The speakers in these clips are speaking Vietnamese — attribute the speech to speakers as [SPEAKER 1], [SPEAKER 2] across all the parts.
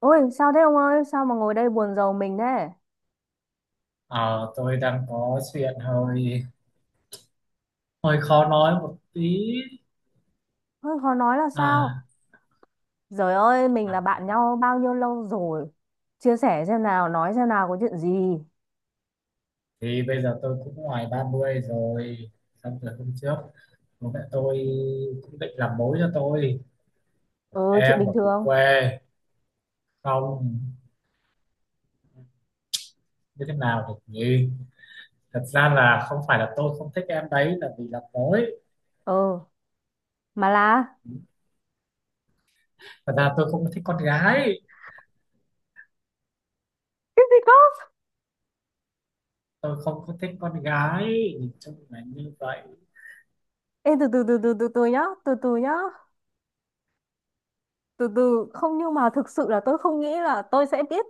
[SPEAKER 1] Ôi sao thế ông ơi? Sao mà ngồi đây buồn rầu mình thế?
[SPEAKER 2] Ờ, tôi đang có chuyện hơi hơi khó nói một tí.
[SPEAKER 1] Ôi, khó nói là
[SPEAKER 2] à,
[SPEAKER 1] sao? Trời ơi, mình là
[SPEAKER 2] à
[SPEAKER 1] bạn nhau bao nhiêu lâu rồi. Chia sẻ xem nào, nói xem nào, có chuyện gì.
[SPEAKER 2] thì bây giờ tôi cũng ngoài 30 rồi, xong rồi hôm trước bố mẹ tôi cũng định làm mối cho tôi một
[SPEAKER 1] Ừ, chuyện
[SPEAKER 2] em
[SPEAKER 1] bình
[SPEAKER 2] ở cùng
[SPEAKER 1] thường.
[SPEAKER 2] quê. Không, như thế nào được nhỉ. Thật ra là không phải là tôi không thích em đấy là vì làm mối,
[SPEAKER 1] Ừ, mà là
[SPEAKER 2] thật ra tôi không thích con gái.
[SPEAKER 1] cái gì không?
[SPEAKER 2] Tôi không có thích con gái, nhìn chung là như vậy.
[SPEAKER 1] Ê, từ từ từ từ từ từ nhá. Từ từ nhá. Từ từ, không nhưng mà thực sự là tôi không nghĩ là tôi sẽ biết.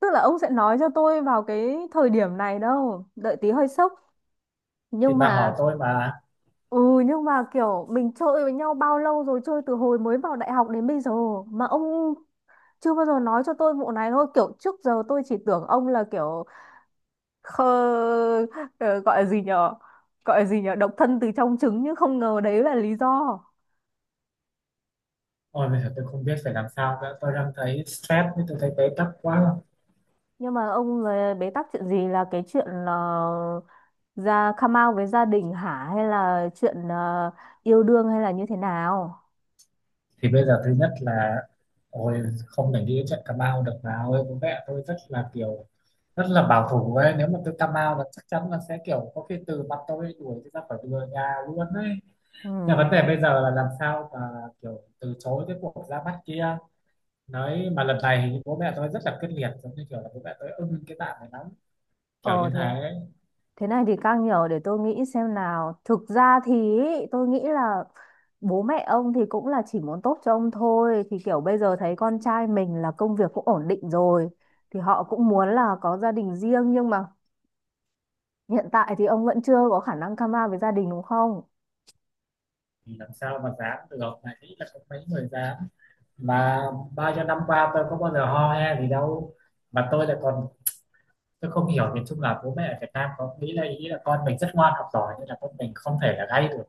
[SPEAKER 1] Tức là ông sẽ nói cho tôi vào cái thời điểm này đâu. Đợi tí, hơi sốc.
[SPEAKER 2] Thì
[SPEAKER 1] Nhưng
[SPEAKER 2] bà hỏi
[SPEAKER 1] mà
[SPEAKER 2] tôi mà.
[SPEAKER 1] ừ, nhưng mà kiểu mình chơi với nhau bao lâu rồi, chơi từ hồi mới vào đại học đến bây giờ mà ông chưa bao giờ nói cho tôi vụ này. Thôi, kiểu trước giờ tôi chỉ tưởng ông là kiểu khờ, ờ, gọi là gì nhở gọi là gì nhở, độc thân từ trong trứng, nhưng không ngờ đấy là lý do.
[SPEAKER 2] Ôi, bây giờ tôi không biết phải làm sao nữa. Tôi đang thấy stress, với tôi thấy bế tắc quá.
[SPEAKER 1] Nhưng mà ông là bế tắc chuyện gì, là cái chuyện là ra come out với gia đình hả, hay là chuyện yêu đương, hay là như thế nào?
[SPEAKER 2] Thì bây giờ thứ nhất là, ôi, không thể đi đến trận Cà Mau được nào. Ôi, bố mẹ tôi rất là kiểu rất là bảo thủ ấy. Nếu mà tôi Cà Mau là chắc chắn là sẽ kiểu có khi từ mặt tôi, đuổi tôi ra khỏi cửa nhà luôn ấy.
[SPEAKER 1] Ừ.
[SPEAKER 2] Nhưng mà vấn đề bây giờ là làm sao mà kiểu từ chối cái cuộc ra mắt kia. Nói mà lần này thì bố mẹ tôi rất là quyết liệt, giống như kiểu là bố mẹ tôi ưng cái bạn này lắm, kiểu như
[SPEAKER 1] ờ Thế,
[SPEAKER 2] thế ấy.
[SPEAKER 1] thế này thì càng nhiều để tôi nghĩ xem nào. Thực ra thì ý, tôi nghĩ là bố mẹ ông thì cũng là chỉ muốn tốt cho ông thôi. Thì kiểu bây giờ thấy con trai mình là công việc cũng ổn định rồi. Thì họ cũng muốn là có gia đình riêng, nhưng mà hiện tại thì ông vẫn chưa có khả năng come out với gia đình đúng không?
[SPEAKER 2] Thì làm sao mà dám được này, nghĩ là có mấy người dám mà bao nhiêu năm qua tôi có bao giờ ho he gì đâu, mà tôi lại còn, tôi không hiểu. Nhìn chung là bố mẹ ở Việt Nam có nghĩ là ý là con mình rất ngoan học giỏi, nên là con mình không thể là gay được,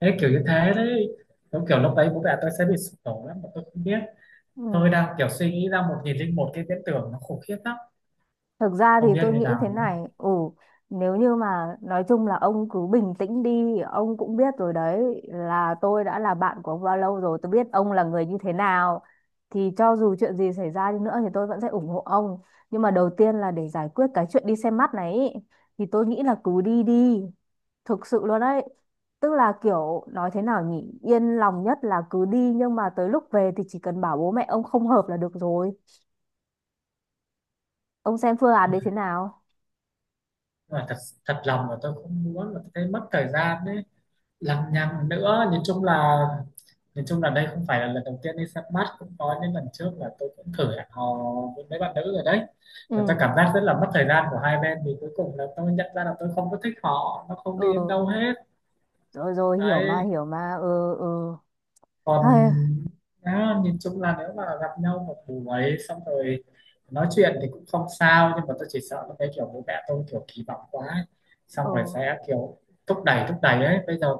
[SPEAKER 2] thế kiểu như thế đấy. Đúng kiểu lúc đấy bố mẹ tôi sẽ bị sụp đổ lắm mà tôi không biết. Tôi
[SPEAKER 1] Ừ.
[SPEAKER 2] đang kiểu suy nghĩ ra 1.001 cái viễn tưởng, nó khủng khiếp lắm,
[SPEAKER 1] Thực ra thì
[SPEAKER 2] không biết
[SPEAKER 1] tôi
[SPEAKER 2] như
[SPEAKER 1] nghĩ thế
[SPEAKER 2] nào nữa.
[SPEAKER 1] này, ừ, nếu như mà nói chung là ông cứ bình tĩnh đi, ông cũng biết rồi đấy, là tôi đã là bạn của ông bao lâu rồi, tôi biết ông là người như thế nào. Thì cho dù chuyện gì xảy ra đi nữa thì tôi vẫn sẽ ủng hộ ông. Nhưng mà đầu tiên là để giải quyết cái chuyện đi xem mắt này ý, thì tôi nghĩ là cứ đi đi, thực sự luôn đấy. Tức là kiểu nói thế nào nhỉ, yên lòng nhất là cứ đi, nhưng mà tới lúc về thì chỉ cần bảo bố mẹ ông không hợp là được rồi. Ông xem phương án đấy thế nào?
[SPEAKER 2] Nhưng mà thật thật lòng là tôi không muốn, là tôi thấy mất thời gian đấy, lằng nhằng nữa. Nhìn chung là đây không phải là lần đầu tiên đi săn bắt, cũng có những lần trước là tôi cũng thử hẹn hò với mấy bạn nữ rồi đấy. Và tôi
[SPEAKER 1] Ừ.
[SPEAKER 2] cảm giác rất là mất thời gian của hai bên, vì cuối cùng là tôi nhận ra là tôi không có thích họ, nó không đi đến
[SPEAKER 1] Ừ,
[SPEAKER 2] đâu hết
[SPEAKER 1] rồi rồi, hiểu mà,
[SPEAKER 2] đấy.
[SPEAKER 1] hiểu mà, ừ, ừ.
[SPEAKER 2] Còn
[SPEAKER 1] Hay.
[SPEAKER 2] á, nhìn chung là nếu mà gặp nhau một buổi xong rồi nói chuyện thì cũng không sao, nhưng mà tôi chỉ sợ là cái kiểu bố mẹ tôi kiểu kỳ vọng quá ấy.
[SPEAKER 1] Ừ,
[SPEAKER 2] Xong rồi sẽ kiểu thúc đẩy ấy. Bây giờ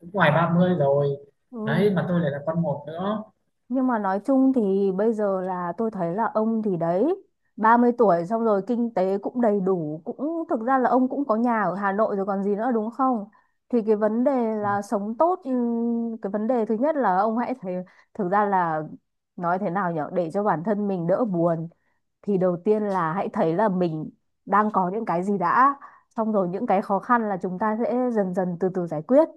[SPEAKER 2] cũng ngoài 30 rồi
[SPEAKER 1] ừ.
[SPEAKER 2] đấy, mà tôi lại là con một nữa.
[SPEAKER 1] Nhưng mà nói chung thì bây giờ là tôi thấy là ông thì đấy, 30 tuổi, xong rồi kinh tế cũng đầy đủ, cũng thực ra là ông cũng có nhà ở Hà Nội rồi còn gì nữa, đúng không? Thì cái vấn đề là sống tốt. Cái vấn đề thứ nhất là ông hãy thấy, thực ra là nói thế nào nhở, để cho bản thân mình đỡ buồn, thì đầu tiên là hãy thấy là mình đang có những cái gì đã, xong rồi những cái khó khăn là chúng ta sẽ dần dần từ từ giải quyết.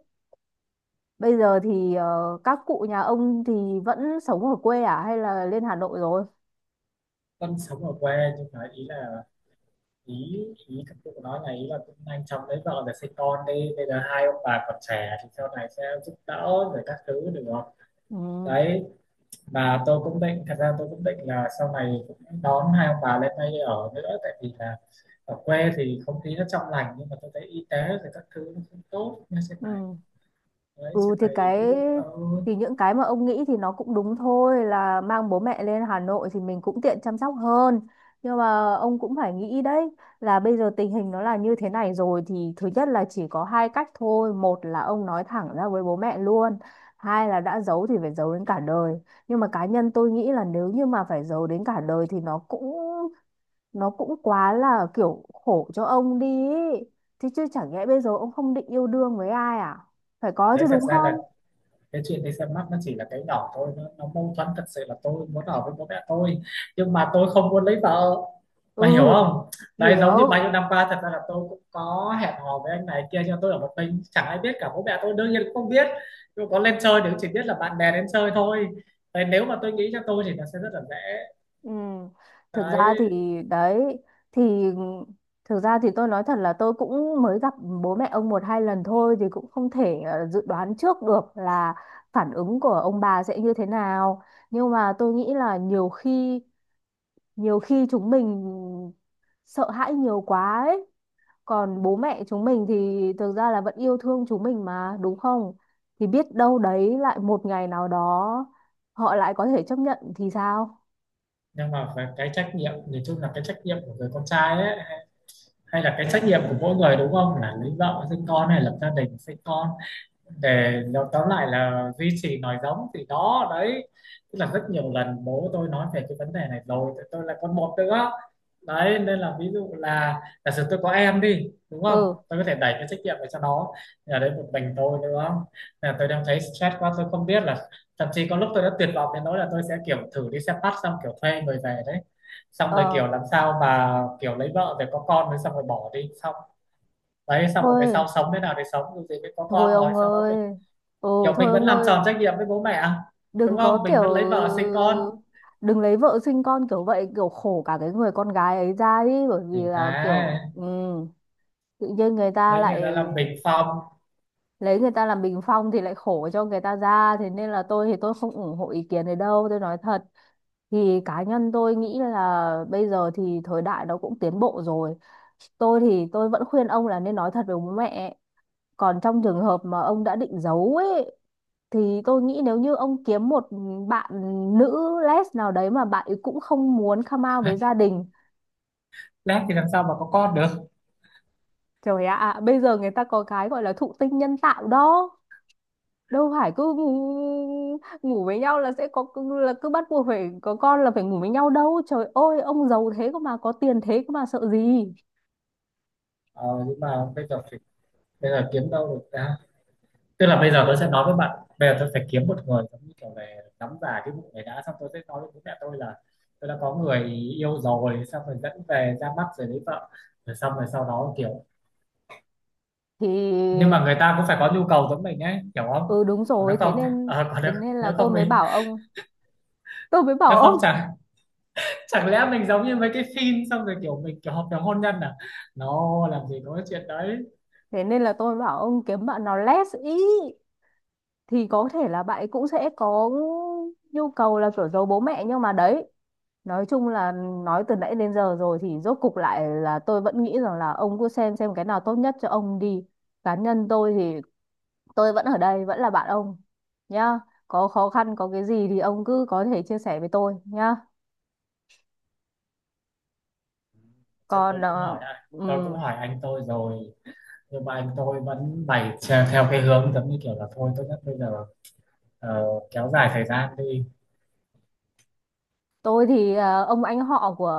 [SPEAKER 1] Bây giờ thì các cụ nhà ông thì vẫn sống ở quê à, hay là lên Hà Nội rồi?
[SPEAKER 2] Con sống ở quê, nhưng mà ý là, ý ý các cụ nói là ý là cũng nhanh chóng lấy vợ để sinh con đi, bây giờ hai ông bà còn trẻ thì sau này sẽ giúp đỡ rồi các thứ được không
[SPEAKER 1] Ừ.
[SPEAKER 2] đấy. Và tôi cũng định, thật ra tôi cũng định là sau này cũng đón hai ông bà lên đây ở nữa, tại vì là ở quê thì không khí nó trong lành, nhưng mà tôi thấy y tế thì các thứ nó không tốt như thế này
[SPEAKER 1] Ừ.
[SPEAKER 2] đấy. Thế
[SPEAKER 1] Ừ, thì
[SPEAKER 2] này
[SPEAKER 1] cái,
[SPEAKER 2] ví dụ
[SPEAKER 1] thì những cái mà ông nghĩ thì nó cũng đúng thôi, là mang bố mẹ lên Hà Nội thì mình cũng tiện chăm sóc hơn. Nhưng mà ông cũng phải nghĩ đấy, là bây giờ tình hình nó là như thế này rồi, thì thứ nhất là chỉ có hai cách thôi: một là ông nói thẳng ra với bố mẹ luôn, hai là đã giấu thì phải giấu đến cả đời. Nhưng mà cá nhân tôi nghĩ là nếu như mà phải giấu đến cả đời thì nó cũng, nó cũng quá là kiểu khổ cho ông đi ý. Thì chứ chẳng nhẽ bây giờ ông không định yêu đương với ai à? Phải có
[SPEAKER 2] đấy,
[SPEAKER 1] chứ,
[SPEAKER 2] thật
[SPEAKER 1] đúng
[SPEAKER 2] ra là
[SPEAKER 1] không?
[SPEAKER 2] cái chuyện đi xem mắt nó chỉ là cái nhỏ thôi. Nó mâu thuẫn, thật sự là tôi muốn ở với bố mẹ tôi nhưng mà tôi không muốn lấy vợ mà, hiểu
[SPEAKER 1] Ừ.
[SPEAKER 2] không. Đấy, giống như bao
[SPEAKER 1] Hiểu.
[SPEAKER 2] nhiêu năm qua thật ra là tôi cũng có hẹn hò với anh này kia, nhưng mà tôi ở một mình chẳng ai biết cả, bố mẹ tôi đương nhiên cũng không biết. Nhưng mà có lên chơi thì cũng chỉ biết là bạn bè đến chơi thôi. Đấy, nếu mà tôi nghĩ cho tôi thì nó sẽ rất là dễ
[SPEAKER 1] Ừ. Thực ra thì
[SPEAKER 2] đấy.
[SPEAKER 1] đấy, thì thực ra thì tôi nói thật là tôi cũng mới gặp bố mẹ ông một hai lần thôi, thì cũng không thể dự đoán trước được là phản ứng của ông bà sẽ như thế nào. Nhưng mà tôi nghĩ là nhiều khi, nhiều khi chúng mình sợ hãi nhiều quá ấy, còn bố mẹ chúng mình thì thực ra là vẫn yêu thương chúng mình mà, đúng không? Thì biết đâu đấy, lại một ngày nào đó họ lại có thể chấp nhận thì sao.
[SPEAKER 2] Nhưng mà về cái trách nhiệm, nhìn chung là cái trách nhiệm của người con trai ấy, hay là cái trách nhiệm của mỗi người đúng không, là lấy vợ sinh con hay lập gia đình sinh con, để tóm lại là duy trì nòi giống thì đó đấy. Tức là rất nhiều lần bố tôi nói về cái vấn đề này rồi, tại tôi là con một nữa đấy. Nên là ví dụ là giả sử tôi có em đi đúng không,
[SPEAKER 1] Ừ.
[SPEAKER 2] tôi có thể đẩy cái trách nhiệm về cho nó. Nhà đến một mình tôi đúng không, là tôi đang thấy stress quá, tôi không biết là thậm chí có lúc tôi đã tuyệt vọng đến nỗi là tôi sẽ kiểu thử đi xe bắt xong kiểu thuê người về đấy, xong rồi
[SPEAKER 1] ờ
[SPEAKER 2] kiểu làm sao mà kiểu lấy vợ rồi có con rồi xong rồi bỏ đi xong. Đấy, xong rồi cái
[SPEAKER 1] Thôi,
[SPEAKER 2] sau sống thế nào thì sống, dù gì mới có
[SPEAKER 1] thôi
[SPEAKER 2] con rồi
[SPEAKER 1] ông
[SPEAKER 2] sau đó mình
[SPEAKER 1] ơi.
[SPEAKER 2] kiểu
[SPEAKER 1] Ừ, thôi
[SPEAKER 2] mình vẫn
[SPEAKER 1] ông
[SPEAKER 2] làm
[SPEAKER 1] ơi,
[SPEAKER 2] tròn trách nhiệm với bố mẹ đúng
[SPEAKER 1] đừng có
[SPEAKER 2] không, mình
[SPEAKER 1] kiểu,
[SPEAKER 2] vẫn lấy vợ sinh con
[SPEAKER 1] đừng lấy vợ sinh con kiểu vậy, kiểu khổ cả cái người con gái ấy ra đi. Bởi
[SPEAKER 2] thì
[SPEAKER 1] vì
[SPEAKER 2] thế,
[SPEAKER 1] là kiểu, ừ, tự nhiên người ta
[SPEAKER 2] lấy người ta làm
[SPEAKER 1] lại,
[SPEAKER 2] bình phong.
[SPEAKER 1] lấy người ta làm bình phong thì lại khổ cho người ta ra. Thế nên là tôi thì tôi không ủng hộ ý kiến này đâu, tôi nói thật. Thì cá nhân tôi nghĩ là bây giờ thì thời đại nó cũng tiến bộ rồi, tôi thì tôi vẫn khuyên ông là nên nói thật với bố mẹ. Còn trong trường hợp mà ông đã định giấu ấy, thì tôi nghĩ nếu như ông kiếm một bạn nữ les nào đấy mà bạn ấy cũng không muốn come out với gia đình.
[SPEAKER 2] Lát thì làm sao mà có con được.
[SPEAKER 1] Trời ạ, à, bây giờ người ta có cái gọi là thụ tinh nhân tạo đó, đâu phải cứ ngủ, với nhau là sẽ có, là cứ bắt buộc phải có con là phải ngủ với nhau đâu. Trời ơi, ông giàu thế cơ mà, có tiền thế cơ mà, sợ gì?
[SPEAKER 2] Ờ, nhưng mà bây giờ phải, bây giờ kiếm đâu được ra. Tức là bây giờ tôi sẽ nói với bạn, bây giờ tôi phải kiếm một người giống như kiểu về nắm giả cái vụ này đã, xong tôi sẽ nói với bố mẹ tôi là tôi đã có người yêu rồi, xong rồi dẫn về ra mắt rồi lấy vợ rồi, xong rồi sau đó kiểu.
[SPEAKER 1] Thì
[SPEAKER 2] Nhưng mà người ta cũng phải có nhu cầu giống mình ấy, hiểu không.
[SPEAKER 1] ừ, đúng
[SPEAKER 2] Còn nếu
[SPEAKER 1] rồi, thế
[SPEAKER 2] không,
[SPEAKER 1] nên,
[SPEAKER 2] ờ, còn
[SPEAKER 1] thế
[SPEAKER 2] nếu,
[SPEAKER 1] nên là
[SPEAKER 2] nếu
[SPEAKER 1] tôi
[SPEAKER 2] không
[SPEAKER 1] mới
[SPEAKER 2] mình,
[SPEAKER 1] bảo ông, tôi mới
[SPEAKER 2] nếu
[SPEAKER 1] bảo
[SPEAKER 2] không
[SPEAKER 1] ông
[SPEAKER 2] chẳng, chẳng lẽ mình giống như mấy cái phim xong rồi kiểu mình kiểu hợp đồng hôn nhân à, nó làm gì có cái chuyện đấy.
[SPEAKER 1] thế nên là tôi bảo ông kiếm bạn nào less ý, thì có thể là bạn ấy cũng sẽ có nhu cầu là kiểu giấu bố mẹ. Nhưng mà đấy, nói chung là, nói từ nãy đến giờ rồi, thì rốt cục lại là tôi vẫn nghĩ rằng là ông cứ xem cái nào tốt nhất cho ông đi. Cá nhân tôi thì tôi vẫn ở đây, vẫn là bạn ông nhá. Có khó khăn, có cái gì thì ông cứ có thể chia sẻ với tôi nhá.
[SPEAKER 2] Chứ
[SPEAKER 1] Còn
[SPEAKER 2] tôi cũng hỏi anh, tôi cũng
[SPEAKER 1] ừm,
[SPEAKER 2] hỏi anh tôi rồi, nhưng mà anh tôi vẫn bày theo cái hướng giống như kiểu là thôi, tốt nhất bây giờ ờ, kéo dài thời gian đi.
[SPEAKER 1] tôi thì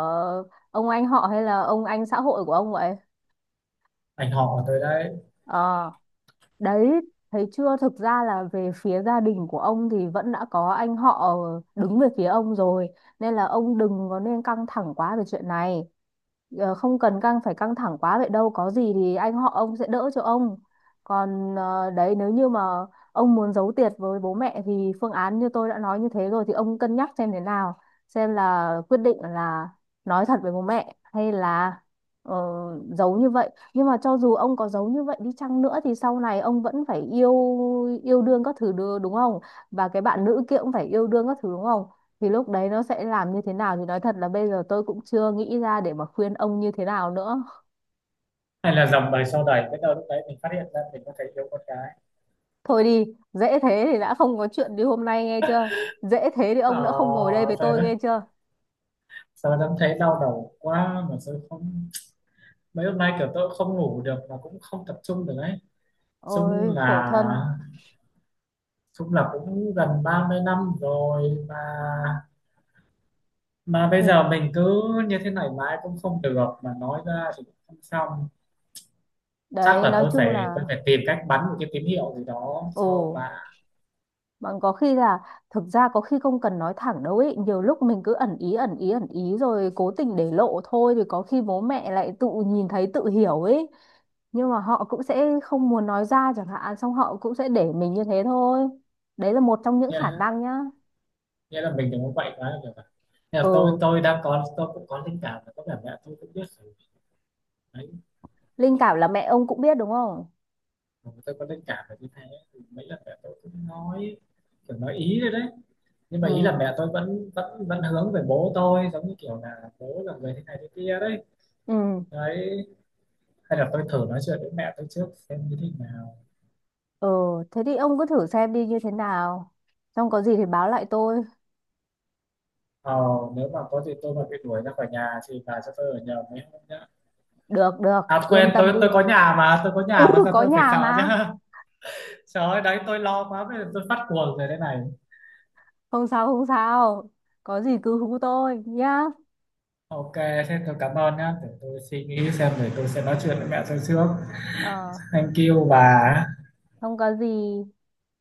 [SPEAKER 1] ông anh họ hay là ông anh xã hội của ông vậy?
[SPEAKER 2] Anh họ của tôi đấy.
[SPEAKER 1] Ờ. Đấy, thấy chưa? Thực ra là về phía gia đình của ông thì vẫn đã có anh họ đứng về phía ông rồi. Nên là ông đừng có nên căng thẳng quá về chuyện này. Ờ, không cần căng, phải căng thẳng quá vậy đâu. Có gì thì anh họ ông sẽ đỡ cho ông. Còn ờ, đấy, nếu như mà ông muốn giấu tiệt với bố mẹ thì phương án như tôi đã nói như thế rồi, thì ông cân nhắc xem thế nào. Xem là quyết định là nói thật với bố mẹ hay là ờ, giấu như vậy. Nhưng mà cho dù ông có giấu như vậy đi chăng nữa thì sau này ông vẫn phải yêu yêu đương các thứ đúng không? Và cái bạn nữ kia cũng phải yêu đương các thứ đúng không? Thì lúc đấy nó sẽ làm như thế nào thì nói thật là bây giờ tôi cũng chưa nghĩ ra để mà khuyên ông như thế nào nữa.
[SPEAKER 2] Hay là dòng đời sau đẩy biết đâu lúc đấy mình phát hiện ra mình có thể yêu con gái.
[SPEAKER 1] Thôi đi, dễ thế thì đã không có chuyện đi hôm nay nghe chưa? Dễ thế thì
[SPEAKER 2] Ờ,
[SPEAKER 1] ông đã không ngồi đây với
[SPEAKER 2] sao
[SPEAKER 1] tôi
[SPEAKER 2] đấy,
[SPEAKER 1] nghe chưa?
[SPEAKER 2] sao đó thấy đau đầu quá mà sao không. Mấy hôm nay kiểu tôi cũng không ngủ được mà cũng không tập trung được đấy. Chung
[SPEAKER 1] Ôi khổ
[SPEAKER 2] là,
[SPEAKER 1] thân.
[SPEAKER 2] chung là cũng gần 30 năm rồi mà bây
[SPEAKER 1] Thế-
[SPEAKER 2] giờ mình cứ như thế này mãi cũng không được, mà nói ra thì cũng không xong. Chắc
[SPEAKER 1] Đấy,
[SPEAKER 2] là
[SPEAKER 1] nói
[SPEAKER 2] tôi
[SPEAKER 1] chung
[SPEAKER 2] phải tôi
[SPEAKER 1] là
[SPEAKER 2] phải tìm cách bắn một cái tín hiệu gì đó
[SPEAKER 1] ồ,
[SPEAKER 2] cho bà
[SPEAKER 1] bọn có khi là, thực ra có khi không cần nói thẳng đâu ấy, nhiều lúc mình cứ ẩn ý ẩn ý ẩn ý rồi cố tình để lộ thôi, thì có khi bố mẹ lại tự nhìn thấy tự hiểu ấy. Nhưng mà họ cũng sẽ không muốn nói ra chẳng hạn, xong họ cũng sẽ để mình như thế thôi. Đấy là một trong những khả
[SPEAKER 2] nha.
[SPEAKER 1] năng nhá.
[SPEAKER 2] Nghĩa là mình đừng có quậy quá là được rồi. Nghĩa là tôi
[SPEAKER 1] Ừ,
[SPEAKER 2] tôi đang có, tôi cũng có linh cảm và có vẻ mẹ tôi cũng biết rồi đấy,
[SPEAKER 1] linh cảm là mẹ ông cũng biết đúng không?
[SPEAKER 2] mà tôi có linh cảm là như thế. Thì mấy lần mẹ tôi cũng nói kiểu nói ý rồi đấy, nhưng
[SPEAKER 1] Ừ,
[SPEAKER 2] mà ý là mẹ tôi vẫn vẫn vẫn hướng về bố tôi, giống như kiểu là bố là người thế này thế kia đấy.
[SPEAKER 1] ừ,
[SPEAKER 2] Đấy, hay là tôi thử nói chuyện với mẹ tôi trước xem như thế nào.
[SPEAKER 1] ừ, thế thì ông cứ thử xem đi như thế nào. Xong có gì thì báo lại tôi.
[SPEAKER 2] Ờ, nếu mà có gì tôi mà bị đuổi ra khỏi nhà thì bà cho tôi ở nhờ mấy hôm nhá.
[SPEAKER 1] Được, được,
[SPEAKER 2] À
[SPEAKER 1] yên
[SPEAKER 2] quên,
[SPEAKER 1] tâm
[SPEAKER 2] tôi
[SPEAKER 1] đi.
[SPEAKER 2] tôi có nhà mà, tôi có
[SPEAKER 1] Ừ,
[SPEAKER 2] nhà mà, sao
[SPEAKER 1] có
[SPEAKER 2] tôi phải
[SPEAKER 1] nhà
[SPEAKER 2] sợ chứ.
[SPEAKER 1] mà.
[SPEAKER 2] Trời ơi đấy, tôi lo quá, bây giờ tôi phát cuồng rồi đây này.
[SPEAKER 1] Không sao, không sao. Có gì cứ hú tôi nhá.
[SPEAKER 2] OK, thế tôi cảm ơn nhá, để tôi suy nghĩ xem, để tôi sẽ nói chuyện với mẹ tôi trước.
[SPEAKER 1] Ờ,
[SPEAKER 2] Thank you bà.
[SPEAKER 1] không có gì.